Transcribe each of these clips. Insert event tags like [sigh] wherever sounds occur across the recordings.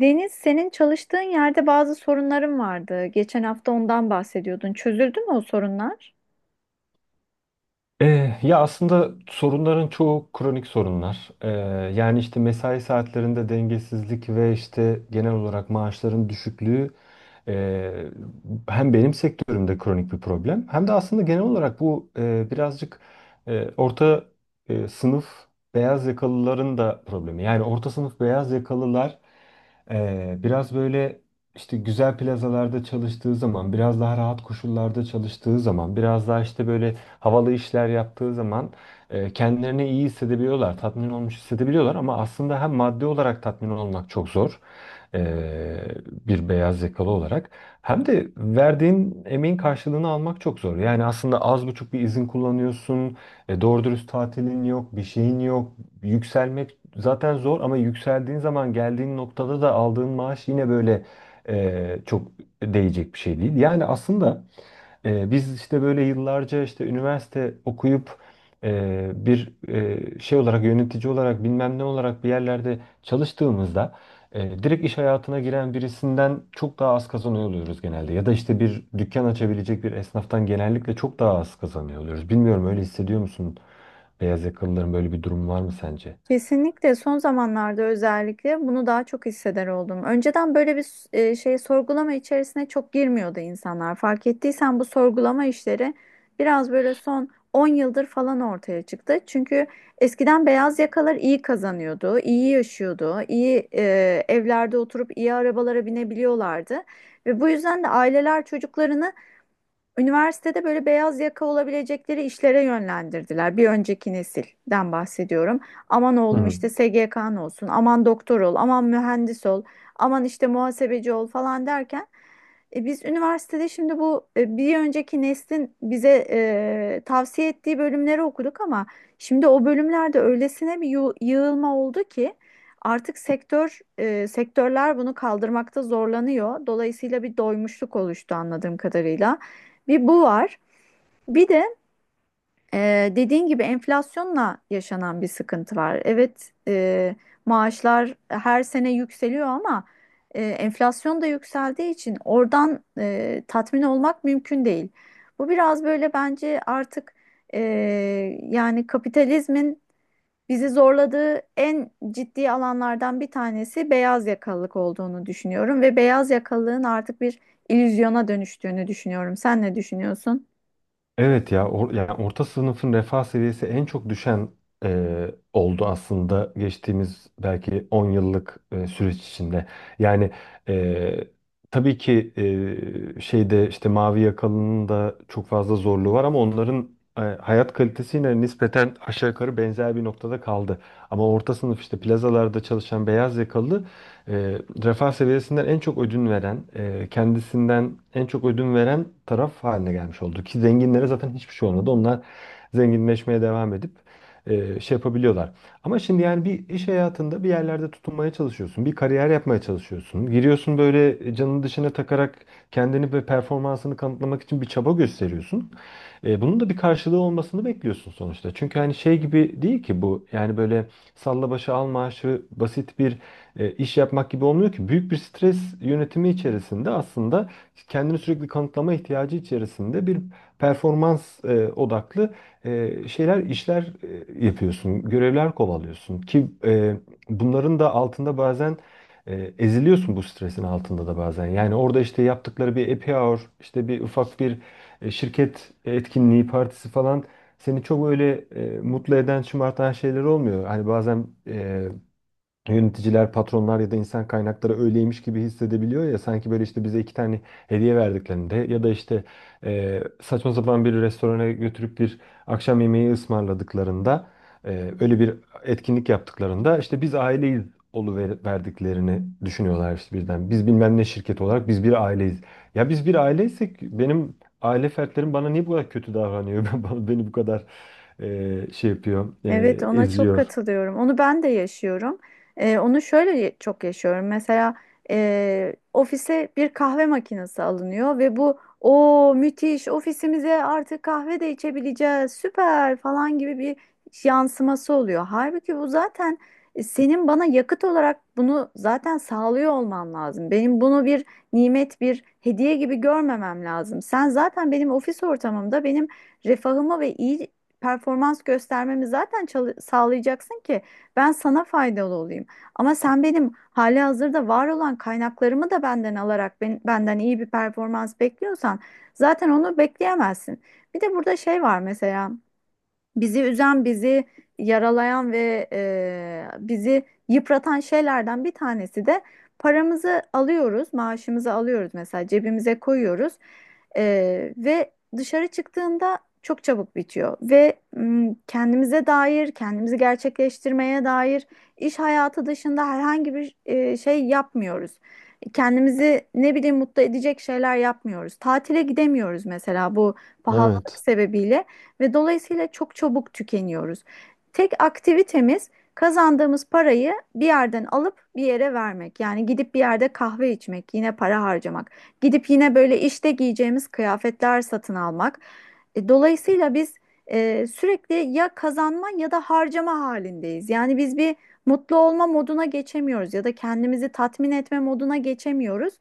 Deniz, senin çalıştığın yerde bazı sorunların vardı. Geçen hafta ondan bahsediyordun. Çözüldü mü o sorunlar? Ya aslında sorunların çoğu kronik sorunlar. Yani işte mesai saatlerinde dengesizlik ve işte genel olarak maaşların düşüklüğü eee, hem benim sektörümde kronik bir problem hem de aslında genel olarak bu birazcık orta sınıf beyaz yakalıların da problemi. Yani orta sınıf beyaz yakalılar biraz böyle işte güzel plazalarda çalıştığı zaman, biraz daha rahat koşullarda çalıştığı zaman, biraz daha işte böyle havalı işler yaptığı zaman kendilerini iyi hissedebiliyorlar, tatmin olmuş hissedebiliyorlar ama aslında hem maddi olarak tatmin olmak çok zor e, bir beyaz yakalı olarak hem de verdiğin emeğin karşılığını almak çok zor. Yani aslında az buçuk bir izin kullanıyorsun, doğru dürüst tatilin yok, bir şeyin yok, yükselmek zaten zor ama yükseldiğin zaman geldiğin noktada da aldığın maaş yine böyle çok değecek bir şey değil. Yani aslında biz işte böyle yıllarca işte üniversite okuyup e, bir şey olarak yönetici olarak bilmem ne olarak bir yerlerde çalıştığımızda direkt iş hayatına giren birisinden çok daha az kazanıyor oluyoruz genelde. Ya da işte bir dükkan açabilecek bir esnaftan genellikle çok daha az kazanıyor oluyoruz. Bilmiyorum öyle hissediyor musun? Beyaz yakalıların böyle bir durum var mı sence? Kesinlikle son zamanlarda özellikle bunu daha çok hisseder oldum. Önceden böyle bir şey sorgulama içerisine çok girmiyordu insanlar. Fark ettiysen bu sorgulama işleri biraz böyle son 10 yıldır falan ortaya çıktı. Çünkü eskiden beyaz yakalar iyi kazanıyordu, iyi yaşıyordu, iyi evlerde oturup iyi arabalara binebiliyorlardı. Ve bu yüzden de aileler çocuklarını üniversitede böyle beyaz yaka olabilecekleri işlere yönlendirdiler. Bir önceki nesilden bahsediyorum. Aman Hı oğlum hı. işte SGK'n olsun, aman doktor ol, aman mühendis ol, aman işte muhasebeci ol falan derken biz üniversitede şimdi bu bir önceki neslin bize tavsiye ettiği bölümleri okuduk ama şimdi o bölümlerde öylesine bir yığılma oldu ki artık sektörler bunu kaldırmakta zorlanıyor. Dolayısıyla bir doymuşluk oluştu anladığım kadarıyla. Bir bu var. Bir de dediğin gibi enflasyonla yaşanan bir sıkıntı var. Evet, maaşlar her sene yükseliyor ama enflasyon da yükseldiği için oradan tatmin olmak mümkün değil. Bu biraz böyle bence artık e, yani kapitalizmin bizi zorladığı en ciddi alanlardan bir tanesi beyaz yakalılık olduğunu düşünüyorum ve beyaz yakalılığın artık bir illüzyona dönüştüğünü düşünüyorum. Sen ne düşünüyorsun? Evet ya yani orta sınıfın refah seviyesi en çok düşen oldu aslında geçtiğimiz belki 10 yıllık süreç içinde. Yani e, tabii ki şeyde işte mavi yakalının da çok fazla zorluğu var ama onların hayat kalitesi yine nispeten aşağı yukarı benzer bir noktada kaldı. Ama orta sınıf işte plazalarda çalışan beyaz yakalı e, refah seviyesinden en çok ödün veren, kendisinden en çok ödün veren taraf haline gelmiş oldu. Ki zenginlere zaten hiçbir şey olmadı. Onlar zenginleşmeye devam edip şey yapabiliyorlar. Ama şimdi yani bir iş hayatında bir yerlerde tutunmaya çalışıyorsun. Bir kariyer yapmaya çalışıyorsun. Giriyorsun böyle canını dışına takarak kendini ve performansını kanıtlamak için bir çaba gösteriyorsun. Bunun da bir karşılığı olmasını bekliyorsun sonuçta. Çünkü hani şey gibi değil ki bu. Yani böyle salla başı al maaşı basit bir iş yapmak gibi olmuyor ki. Büyük bir stres yönetimi içerisinde aslında kendini sürekli kanıtlama ihtiyacı içerisinde bir performans odaklı şeyler, işler yapıyorsun, görevler kovalıyorsun ki bunların da altında bazen eziliyorsun bu stresin altında da bazen. Yani orada işte yaptıkları bir happy hour, işte bir ufak bir şirket etkinliği, partisi falan seni çok öyle mutlu eden, şımartan şeyler olmuyor. Hani bazen yöneticiler, patronlar ya da insan kaynakları öyleymiş gibi hissedebiliyor ya sanki böyle işte bize iki tane hediye verdiklerinde ya da işte saçma sapan bir restorana götürüp bir akşam yemeği ısmarladıklarında e, öyle bir etkinlik yaptıklarında işte biz aileyiz verdiklerini düşünüyorlar işte birden. Biz bilmem ne şirket olarak biz bir aileyiz. Ya biz bir aileysek benim aile fertlerim bana niye bu kadar kötü davranıyor? [laughs] Beni bu kadar şey yapıyor, Evet, ona çok eziyor. katılıyorum. Onu ben de yaşıyorum. Onu çok yaşıyorum. Mesela ofise bir kahve makinesi alınıyor ve bu o müthiş ofisimize artık kahve de içebileceğiz süper falan gibi bir yansıması oluyor. Halbuki bu zaten senin bana yakıt olarak bunu zaten sağlıyor olman lazım. Benim bunu bir nimet, bir hediye gibi görmemem lazım. Sen zaten benim ofis ortamımda benim refahımı ve iyi performans göstermemi zaten sağlayacaksın ki ben sana faydalı olayım. Ama sen benim hali hazırda var olan kaynaklarımı da benden alarak benden iyi bir performans bekliyorsan zaten onu bekleyemezsin. Bir de burada şey var mesela bizi üzen, bizi yaralayan ve bizi yıpratan şeylerden bir tanesi de paramızı alıyoruz, maaşımızı alıyoruz, mesela cebimize koyuyoruz. Ve dışarı çıktığında çok çabuk bitiyor ve kendimize dair, kendimizi gerçekleştirmeye dair iş hayatı dışında herhangi bir şey yapmıyoruz. Kendimizi ne bileyim mutlu edecek şeyler yapmıyoruz. Tatile gidemiyoruz mesela bu pahalılık Evet. sebebiyle ve dolayısıyla çok çabuk tükeniyoruz. Tek aktivitemiz kazandığımız parayı bir yerden alıp bir yere vermek. Yani gidip bir yerde kahve içmek, yine para harcamak. Gidip yine böyle işte giyeceğimiz kıyafetler satın almak. Dolayısıyla biz sürekli ya kazanma ya da harcama halindeyiz. Yani biz bir mutlu olma moduna geçemiyoruz ya da kendimizi tatmin etme moduna geçemiyoruz.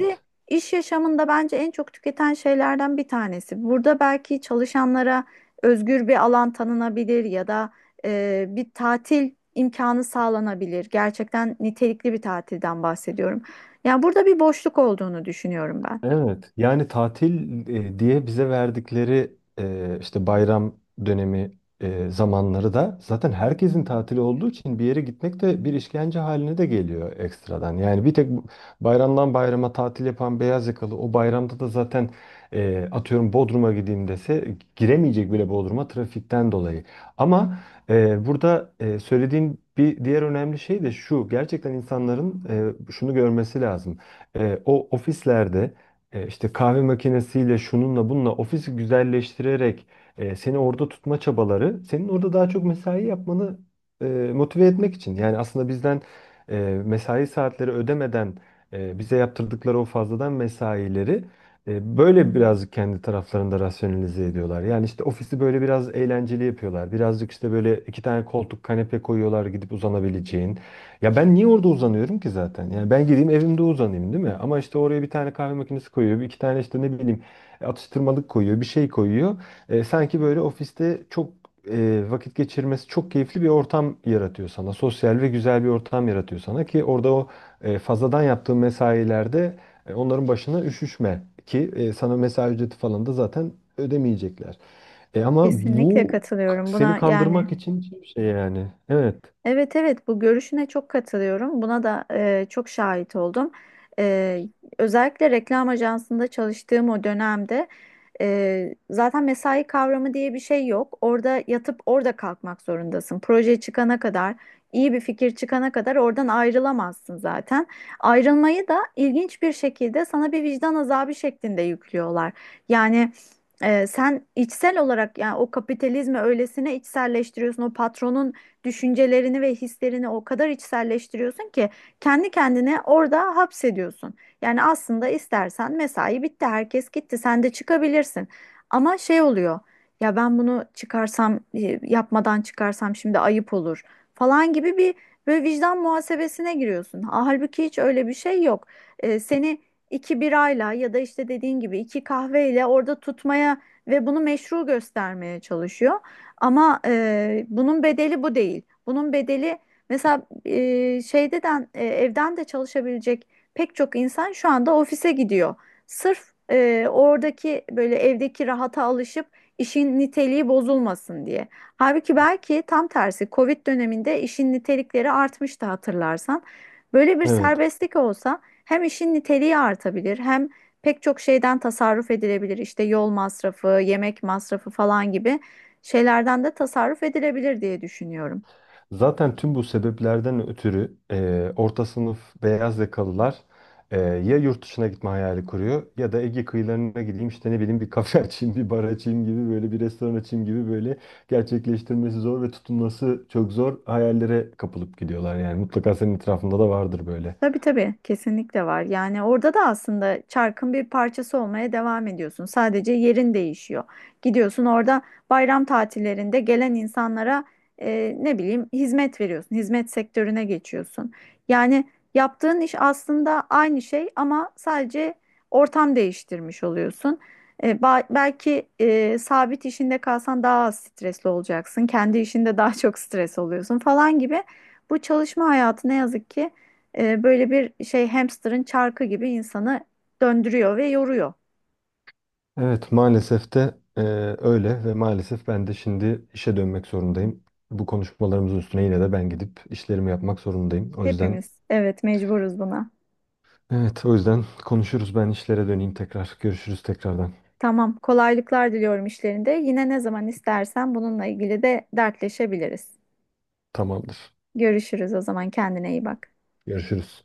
Ve iş yaşamında bence en çok tüketen şeylerden bir tanesi. Burada belki çalışanlara özgür bir alan tanınabilir ya da bir tatil imkanı sağlanabilir. Gerçekten nitelikli bir tatilden bahsediyorum. Yani burada bir boşluk olduğunu düşünüyorum ben. Evet, yani tatil diye bize verdikleri işte bayram dönemi zamanları da zaten herkesin tatili olduğu için bir yere gitmek de bir işkence haline de geliyor ekstradan. Yani bir tek bayramdan bayrama tatil yapan beyaz yakalı o bayramda da zaten atıyorum Bodrum'a gideyim dese giremeyecek bile Bodrum'a trafikten dolayı. Ama burada söylediğin bir diğer önemli şey de şu gerçekten insanların şunu görmesi lazım. O ofislerde işte kahve makinesiyle şununla bununla ofisi güzelleştirerek seni orada tutma çabaları senin orada daha çok mesai yapmanı e, motive etmek için. Yani aslında bizden e, mesai saatleri ödemeden bize yaptırdıkları o fazladan mesaileri böyle birazcık kendi taraflarında rasyonalize ediyorlar. Yani işte ofisi böyle biraz eğlenceli yapıyorlar. Birazcık işte böyle iki tane koltuk kanepe koyuyorlar gidip uzanabileceğin. Ya ben niye orada uzanıyorum ki zaten? Yani ben gideyim evimde uzanayım değil mi? Ama işte oraya bir tane kahve makinesi koyuyor, bir iki tane işte ne bileyim atıştırmalık koyuyor, bir şey koyuyor. Sanki böyle ofiste çok vakit geçirmesi çok keyifli bir ortam yaratıyor sana. Sosyal ve güzel bir ortam yaratıyor sana ki orada o fazladan yaptığın mesailerde onların başına üşüşme ki sana mesai ücreti falan da zaten ödemeyecekler. Ama Kesinlikle bu katılıyorum seni buna yani. kandırmak için bir şey yani. Evet, Evet, evet, bu görüşüne çok katılıyorum. Buna da çok şahit oldum. E, Özellikle reklam ajansında çalıştığım o dönemde zaten mesai kavramı diye bir şey yok. Orada yatıp orada kalkmak zorundasın. Proje çıkana kadar, iyi bir fikir çıkana kadar oradan ayrılamazsın zaten. Ayrılmayı da ilginç bir şekilde sana bir vicdan azabı şeklinde yüklüyorlar. Yani sen içsel olarak yani o kapitalizmi öylesine içselleştiriyorsun, o patronun düşüncelerini ve hislerini o kadar içselleştiriyorsun ki kendi kendine orada hapsediyorsun. Yani aslında istersen mesai bitti, herkes gitti, sen de çıkabilirsin. Ama şey oluyor. Ya ben bunu çıkarsam, yapmadan çıkarsam şimdi ayıp olur falan gibi bir böyle vicdan muhasebesine giriyorsun. Halbuki hiç öyle bir şey yok. Seni iki birayla ya da işte dediğin gibi iki kahveyle orada tutmaya ve bunu meşru göstermeye çalışıyor. Ama bunun bedeli bu değil. Bunun bedeli mesela evden de çalışabilecek pek çok insan şu anda ofise gidiyor. Sırf oradaki böyle evdeki rahata alışıp işin niteliği bozulmasın diye. Halbuki belki tam tersi Covid döneminde işin nitelikleri artmıştı hatırlarsan. Böyle bir evet. serbestlik olsa hem işin niteliği artabilir hem pek çok şeyden tasarruf edilebilir. İşte yol masrafı, yemek masrafı falan gibi şeylerden de tasarruf edilebilir diye düşünüyorum. Zaten tüm bu sebeplerden ötürü orta sınıf beyaz yakalılar ya yurt dışına gitme hayali kuruyor ya da Ege kıyılarına gideyim işte ne bileyim bir kafe [laughs] açayım, bir bar açayım gibi böyle bir restoran açayım gibi böyle gerçekleştirmesi zor ve tutunması çok zor hayallere kapılıp gidiyorlar yani mutlaka senin etrafında da vardır böyle. Tabii tabii kesinlikle var. Yani orada da aslında çarkın bir parçası olmaya devam ediyorsun. Sadece yerin değişiyor. Gidiyorsun orada bayram tatillerinde gelen insanlara ne bileyim hizmet veriyorsun. Hizmet sektörüne geçiyorsun. Yani yaptığın iş aslında aynı şey ama sadece ortam değiştirmiş oluyorsun. Belki sabit işinde kalsan daha az stresli olacaksın. Kendi işinde daha çok stres oluyorsun falan gibi. Bu çalışma hayatı ne yazık ki böyle bir şey, hamsterın çarkı gibi insanı döndürüyor ve yoruyor. Evet maalesef de öyle ve maalesef ben de şimdi işe dönmek zorundayım. Bu konuşmalarımızın üstüne yine de ben gidip işlerimi yapmak zorundayım. O yüzden Hepimiz, evet, mecburuz buna. evet, o yüzden konuşuruz. Ben işlere döneyim tekrar. Görüşürüz tekrardan. Tamam, kolaylıklar diliyorum işlerinde. Yine ne zaman istersen bununla ilgili de dertleşebiliriz. Tamamdır. Görüşürüz o zaman, kendine iyi bak. Görüşürüz.